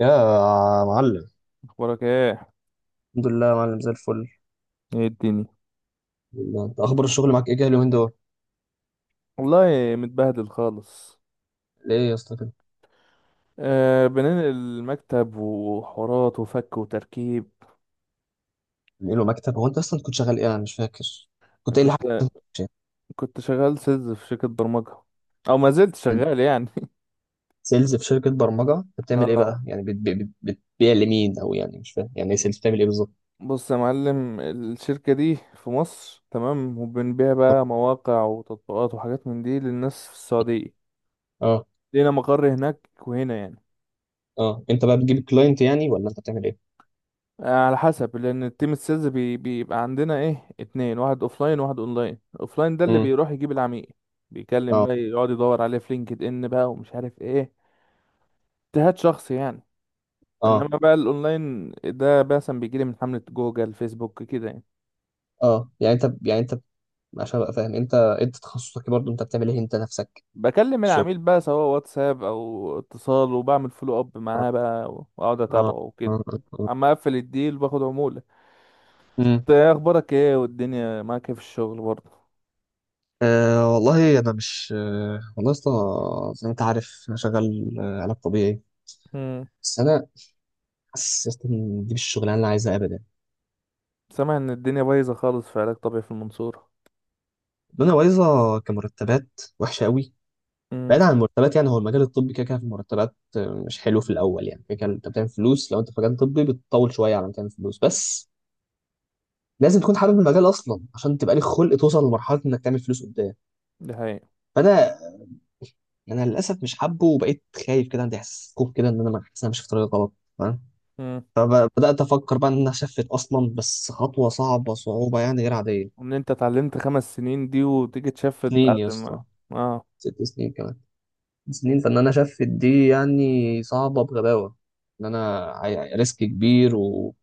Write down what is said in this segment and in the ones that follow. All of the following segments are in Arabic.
يا معلم. وراك ايه؟ الحمد لله يا معلم زي الفل، ايه الدنيا؟ والله. انت اخبار الشغل معاك ايه كده اليومين دول؟ والله متبهدل خالص. ليه يا اسطى كده؟ بننقل المكتب وحوارات وفك وتركيب. له مكتب؟ هو انت اصلا كنت شغال ايه؟ انا مش فاكر، كنت قايل لي كنت حاجه؟ كنت شغال سيلز في شركة برمجة، او ما زلت شغال يعني. سيلز في شركه برمجه، انت بتعمل ايه اه بقى؟ يعني بتبيع لمين؟ او يعني مش فاهم، يعني ايه سيلز؟ بتعمل ايه بالظبط؟ بص يا معلم، الشركة دي في مصر تمام، وبنبيع بقى مواقع وتطبيقات وحاجات من دي للناس في السعودية. اه، لينا مقر هناك وهنا يعني. اه، انت بقى بتجيب كلاينت يعني، ولا انت بتعمل ايه؟ على حسب، لان التيم السيلز بي بيبقى عندنا ايه اتنين، واحد اوفلاين وواحد اونلاين. اوفلاين ده اللي امم. بيروح يجيب العميل، بيكلم اه، بقى، يقعد يدور عليه في لينكد ان بقى ومش عارف ايه، اجتهاد شخصي يعني. انما اه، بقى الاونلاين ده مثلا بيجيلي من حملة جوجل فيسبوك كده يعني. اه، يعني انت، عشان ابقى فاهم انت تخصصك إيه برضه؟ انت بتعمل ايه انت نفسك؟ بكلم الشغل. العميل بقى سواء واتساب او اتصال، وبعمل فولو اب اه. معاه بقى واقعد اه. اتابعه وكده. اه. اما اقفل الديل باخد عمولة. اه. انت ايه اخبارك، ايه والدنيا معاك ايه في الشغل برضه؟ أه والله يا اسطى، زي ما أنت عارف أنا شغال علاج طبيعي. بس أنا حاسس يا اسطى إن دي مش الشغلانة اللي أنا عايزها أبدا. سامع ان الدنيا بايظه خالص في علاج طبيعي في المنصوره. الدنيا بايظة، كمرتبات وحشة قوي. امم. بعيد عن المرتبات، يعني هو المجال الطبي كده كده في المرتبات مش حلو في الأول. يعني كده كده أنت بتعمل فلوس، لو أنت في مجال طبي بتطول شوية على ما تعمل فلوس، بس لازم تكون حابب المجال أصلا عشان تبقى لك خلق توصل لمرحلة إنك تعمل فلوس قدام. دي حقيقه. فأنا للاسف مش حابه، وبقيت خايف كده، عندي احساس خوف كده ان انا حاسس إن انا ماشي في طريق غلط. امم. فبدأت أفكر بقى إن أنا أشفت أصلا، بس خطوة صعبة، صعوبة يعني غير عادية. وان انت اتعلمت 5 سنين دي وتيجي تشفت سنين بعد يا اسطى، ما... اه. ست سنين كمان، سنين، فإن أنا أشفت دي يعني صعبة بغباوة. إن أنا ريسك كبير،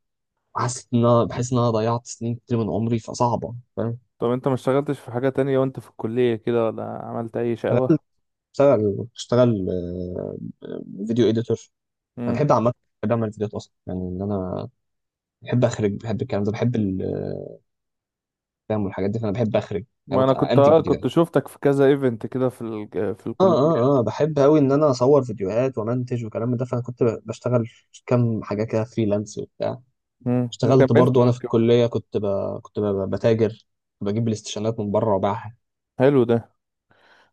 وحسيت إن أنا بحس إن أنا ضيعت سنين كتير من عمري، فصعبة، فاهم. طب انت ما اشتغلتش في حاجه تانية وانت في الكليه كده، ولا عملت اي أنا شقاوه؟ بشتغل فيديو إيديتور. أنا امم. بحب عامة، بحب أعمل فيديوهات أصلا، يعني إن أنا بحب أخرج، بحب الكلام ده، بحب الكلام والحاجات دي، فأنا بحب أخرج، ما يعني انا كنت أنتج اه كنت فيديوهات. شفتك في كذا ايفنت كده في اه، الكليه. اه، اه، بحب قوي ان انا اصور فيديوهات وامنتج وكلام من ده، فانا كنت بشتغل كام حاجه كده فريلانس وبتاع. امم. ما اشتغلت كملت برضو ما وانا في كم- الكليه، كنت بتاجر، كنت بجيب الاستشانات من بره وباعها، حلو ده.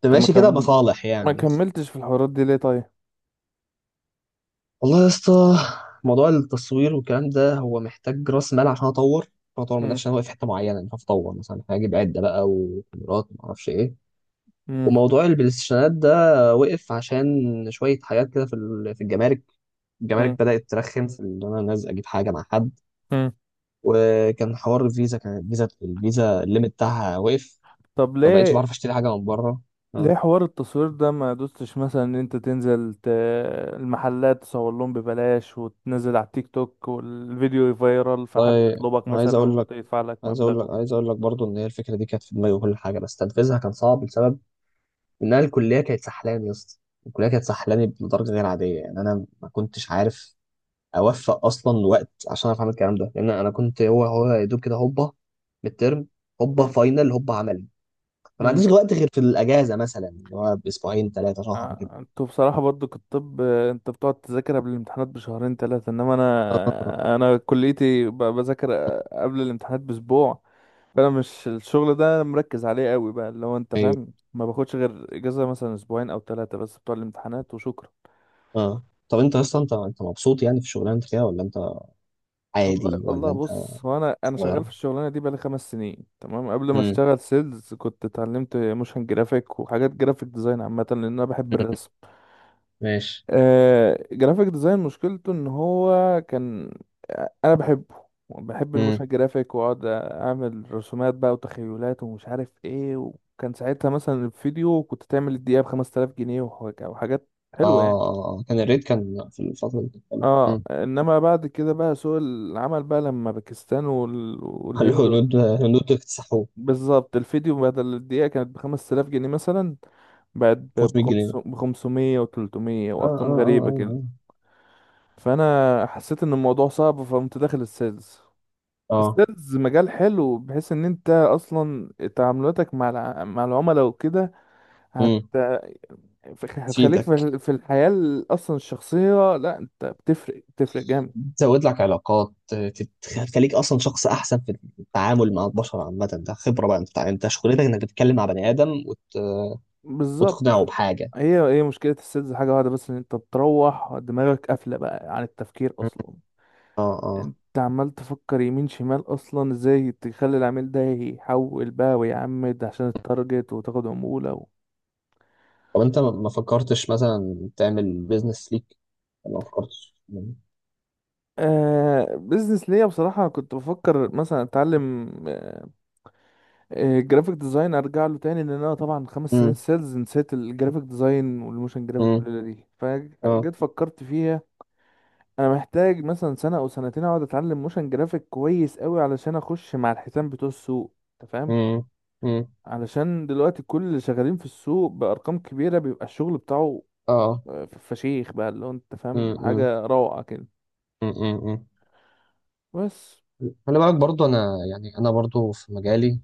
كنت طب ماشي كده بصالح ما يعني. كملتش في الحوارات دي ليه طيب؟ والله يا اسطى، موضوع التصوير والكلام ده هو محتاج راس مال، عشان اطور من امم. نفسي. انا واقف في حته معينه، مش عارف اطور، مثلا هجيب عده بقى وكاميرات وما اعرفش ايه. امم. وموضوع البلايستيشنات ده وقف عشان شويه حاجات كده في الجمارك. الجمارك امم. بدأت ترخم في إن أنا نازل أجيب حاجة مع حد. امم. وكان حوار الفيزا، كان الفيزا الليمت بتاعها وقف، طب فبقيتش ليه؟ بعرف أشتري حاجة من بره. ليه آه. حوار التصوير ده ما دوستش مثلا ان انت تنزل المحلات تصور لهم ببلاش، وتنزل على التيك توك والفيديو فايرال، فحد والله، يطلبك عايز مثلا أقول لك ويدفع لك عايز أقول مبلغ لك وكده. عايز أقول لك برضو، إن هي الفكرة دي كانت في دماغي وكل حاجة، بس تنفيذها كان صعب لسبب إن أنا الكلية كانت سحلاني يا اسطى، الكلية كانت سحلاني بدرجة غير عادية. يعني أنا ما كنتش عارف أوفق أصلا وقت عشان أعرف أعمل الكلام ده، لأن أنا كنت هو يا دوب كده، هوبا ميد ترم، هوبا مم. فاينل، هوبا عمل. فما مم. عنديش وقت غير في الاجازه مثلا، اللي هو باسبوعين ثلاثه شهر كده. انتوا بصراحة برضو كطب، انت بتقعد تذاكر قبل الامتحانات بشهرين ثلاثة، انما اه. انا كليتي بذاكر قبل الامتحانات باسبوع. فانا مش الشغل ده مركز عليه قوي بقى، لو انت ايوه. فاهم. ما باخدش غير اجازة مثلا اسبوعين او ثلاثة بس بتوع الامتحانات، وشكرا. اه. طب انت اصلا، انت مبسوط يعني في الشغلانه انت فيها، ولا انت والله عادي، والله ولا انت؟ بص، هو انا شغال في صغيره. الشغلانه دي بقالي 5 سنين تمام. قبل ما امم. اشتغل سيلز كنت اتعلمت موشن جرافيك وحاجات جرافيك ديزاين عامه، لان انا بحب الرسم. ماشي. جرافيك ديزاين مشكلته ان هو كان... انا بحبه، بحب امم. الموشن جرافيك، واقعد اعمل رسومات بقى وتخيلات ومش عارف ايه. وكان ساعتها مثلا الفيديو كنت تعمل الدقيقه ب 5000 جنيه وحاجات اه. حلوه يعني. آه. آه. كان الريت في الفتره اللي كانت حلوة. اه امم. انما بعد كده بقى سوق العمل بقى لما باكستان قال له والهند... هنود هنود اكتسحوه، بالظبط، الفيديو بدل الدقيقة كانت ب5000 جنيه مثلا، بقت 500 جنيه. ب500 و300 اه، وأرقام اه، اه، غريبة اه، كده. اه. فأنا حسيت إن الموضوع صعب، فقمت داخل السيلز. آه. السيلز مجال حلو، بحيث إن أنت أصلا تعاملاتك مع العملاء وكده هت... امم. هتخليك تفيدك، في الحياة أصلا الشخصية، لا أنت بتفرق بتفرق جامد. تزود لك علاقات، تخليك اصلا شخص احسن في التعامل مع البشر عامه، ده خبره بقى، انت شغلتك انك تتكلم مع بني ادم بالظبط. وتقنعه بحاجه. هي مشكلة السيلز حاجة واحدة بس، إن أنت بتروح دماغك قافلة بقى عن التفكير مم. أصلا. اه. اه. انت عمال تفكر يمين شمال، اصلا ازاي تخلي العميل ده يحول بقى ويعمد عشان التارجت وتاخد عمولة طب انت ما فكرتش مثلا تعمل بيزنس ليك؟ ما فكرتش؟ بزنس ليا بصراحة كنت بفكر مثلا اتعلم جرافيك ديزاين، ارجع له تاني، لان انا طبعا 5 سنين امم. سيلز نسيت الجرافيك ديزاين والموشن امم. جرافيك، والليلة دي اه. فجيت فكرت فيها. انا محتاج مثلا سنة او سنتين اقعد اتعلم موشن جرافيك كويس قوي علشان اخش مع الحيتان بتوع السوق. انت فاهم؟ امم. امم. علشان دلوقتي كل اللي شغالين في السوق بأرقام كبيرة بيبقى الشغل بتاعه... اه. فشيخ بقى، اللي هو انت فاهم، امم. حاجة روعة كده. امم. بس. خلي بالك برضو، انا برضو في مجالي،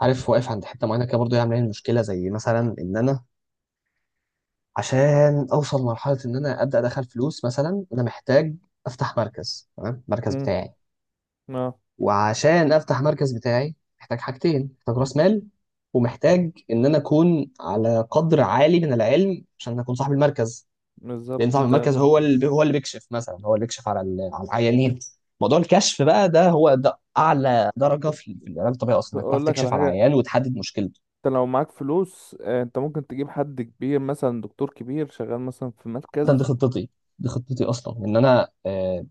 عارف، واقف عند حته معينه كده برضو، هي عامله لي مشكله، زي مثلا ان انا عشان اوصل لمرحله ان انا ابدا ادخل فلوس مثلا، انا محتاج افتح مركز، تمام، المركز امم. بتاعي. اه. وعشان افتح مركز بتاعي محتاج حاجتين، محتاج راس مال، ومحتاج ان انا اكون على قدر عالي من العلم عشان اكون صاحب المركز. بالظبط. لان صاحب انت المركز هو اللي بيكشف، مثلا هو اللي بيكشف على على العيانين. موضوع الكشف بقى ده هو ده اعلى درجه في العلاج الطبيعي اصلا، انك تعرف اقول لك على تكشف على حاجة. العيان وتحدد مشكلته. انت لو معاك فلوس انت ممكن تجيب حد كبير، مثلا دكتور كبير شغال مثلا في ده دي مركز. خطتي دي خطتي اصلا، ان انا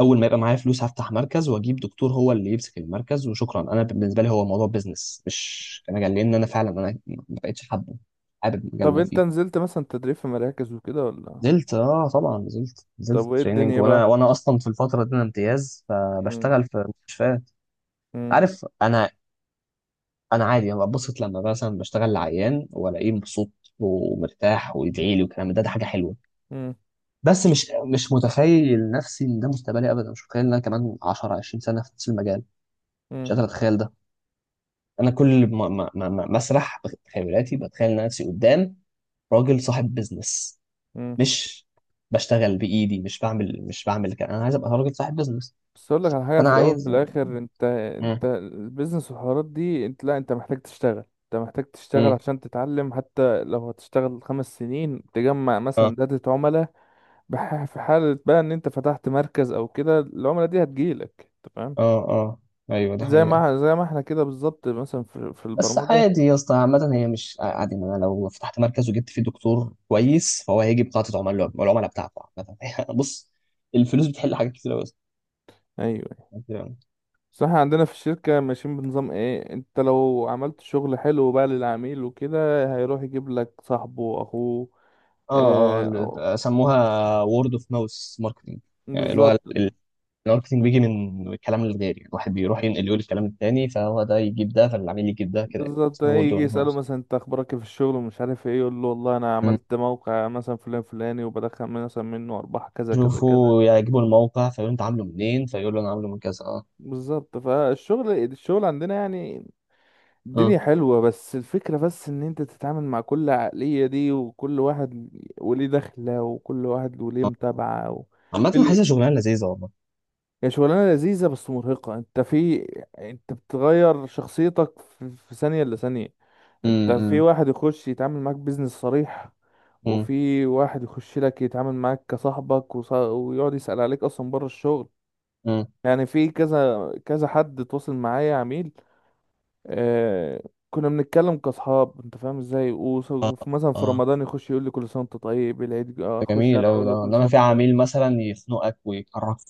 اول ما يبقى معايا فلوس هفتح مركز واجيب دكتور هو اللي يمسك المركز، وشكرا. انا بالنسبه لي هو موضوع بيزنس مش مجال، لان انا فعلا ما بقتش حابب المجال اللي طب انا انت فيه. نزلت مثلا تدريب في مراكز وكده ولا؟ نزلت، اه، طبعا نزلت، طب وايه تريننج، الدنيا وانا بقى؟ وانا اصلا في الفتره دي انا امتياز، امم. فبشتغل في مستشفيات. عارف انا عادي، انا ببسط لما مثلا بشتغل لعيان والاقيه مبسوط ومرتاح ويدعي لي والكلام ده، ده حاجه حلوه. امم. بس مش متخيل نفسي ان ده مستقبلي ابدا، مش متخيل ان انا كمان 10 20 سنه في نفس المجال، مش قادر اتخيل ده. انا كل مسرح بخيالاتي، بتخيل نفسي قدام راجل صاحب بيزنس، امم. مش بشتغل بايدي، مش بعمل كده، انا عايز ابقى راجل صاحب بيزنس. بس اقول لك على حاجه فانا في الاول وفي عايز. الاخر، انت امم. البيزنس والحوارات دي، انت لا، انت محتاج تشتغل امم. عشان تتعلم، حتى لو هتشتغل 5 سنين تجمع اه. مثلا داتا عملاء. في حاله بقى ان انت فتحت مركز او كده، العملاء دي هتجيلك، انت فاهم؟ اه. اه. ايوه دي زي حقيقة. ما زي ما احنا كده بالظبط، مثلا في بس البرمجه. عادي يا اسطى، عامة هي مش عادي، ما انا لو فتحت مركز وجبت فيه دكتور كويس فهو هيجي بقاعدة عملاء العملاء بتاعته عامة بص، الفلوس بتحل حاجات كتير قوي. ايوه. بس احنا عندنا في الشركه ماشيين بنظام ايه، انت لو عملت شغل حلو بقى للعميل وكده هيروح يجيب لك صاحبه واخوه. اه. اه. آه، سموها وورد اوف ماوس ماركتنج، يعني اللي هو بالظبط. الماركتنج بيجي من الكلام الغير، يعني الواحد بيروح ينقل يقول الكلام التاني، فهو ده يجيب ده، فالعميل يجيب ده كده، يعني بالظبط، اسمه وورد يجي يسأله وانفورس. مثلا انت اخبارك ايه في الشغل ومش عارف ايه، يقول له والله انا عملت موقع مثلا فلان فلاني، وبدخل مثلا منه ارباح كذا كذا كذا. يشوفوا يعجبوا الموقع فيقولوا انت عامله منين، فيقول له انا عامله من كذا. اه. بالظبط. فالشغل عندنا يعني الدنيا اه. حلوة، بس الفكرة بس ان انت تتعامل مع كل عقلية دي، وكل واحد وليه دخلة، وكل واحد وليه آه. متابعة عامة اللي حاسسها شغلانة لذيذة والله. هي شغلانة لذيذة بس مرهقة. انت بتغير شخصيتك في ثانية إلا ثانية. انت في امم. واحد يخش يتعامل معاك بيزنس صريح، امم. وفي واحد يخش لك يتعامل معاك كصاحبك ويقعد يسأل عليك اصلا بره الشغل. امم. يعني في كذا كذا حد تواصل معايا عميل، آه... كنا بنتكلم كاصحاب، انت فاهم ازاي، وفي مثلا في اه. رمضان يخش يقول لي كل سنه وانت طيب، العيد ده اخش انا جميل أوي اقول له ده، كل سنه انما في وانت طيب. عميل مثلا يخنقك ويقرفك،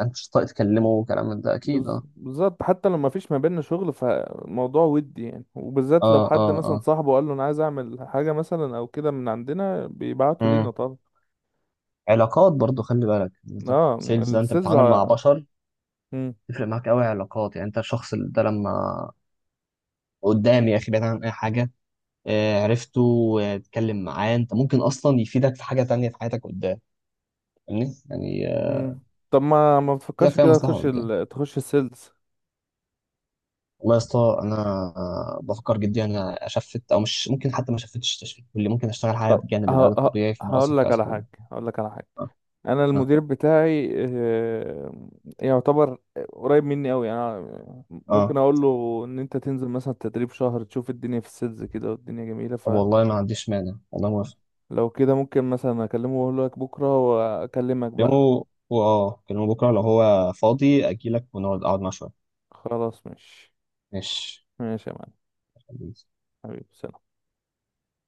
انت مش طايق تكلمه وكلام من ده، اكيد. اه. بالظبط، حتى لو ما فيش ما بيننا شغل، فالموضوع ودي يعني، وبالذات لو اه. اه. حد مثلا اه. صاحبه قال له انا عايز اعمل حاجه مثلا او كده، من عندنا بيبعتوا لينا امم. طبعا. علاقات برضو، خلي بالك انت، اه سيلز ده انت السيلز... بتتعامل مع بشر، تفرق معاك قوي علاقات، يعني انت الشخص ده لما قدامي يا اخي، بعيد عن اي حاجه، عرفته واتكلم معاه، انت ممكن اصلا يفيدك في حاجه تانية في حياتك قدام، فاهمني يعني مم. طب ما كده بتفكرش فيها كده مصلحه قدام. تخش السيلز. والله يا اسطى انا، بفكر جدا انا اشفت، او مش ممكن حتى، ما شفتش تشفيت، واللي ممكن اشتغل حاجه طب ه... بجانب العلاج الطبيعي، فانا اصلا هقول كنت لك عايز على اكلمك. حاجة. هقول لك على حاجة اه. انا اه. المدير بتاعي يعتبر قريب مني قوي يعني، ممكن اه. اقول له ان انت تنزل مثلا تدريب شهر تشوف الدنيا في السيلز كده، والدنيا جميلة. طب والله ما عنديش مانع، والله موافق. فلو كده ممكن مثلا اكلمه واقول لك بكرة واكلمك بقى. كلمه بكره لو هو فاضي اجي لك، اقعد معاه شويه. خلاص ماشي. ماشي. ماشي يا معلم. حبيبي سلام.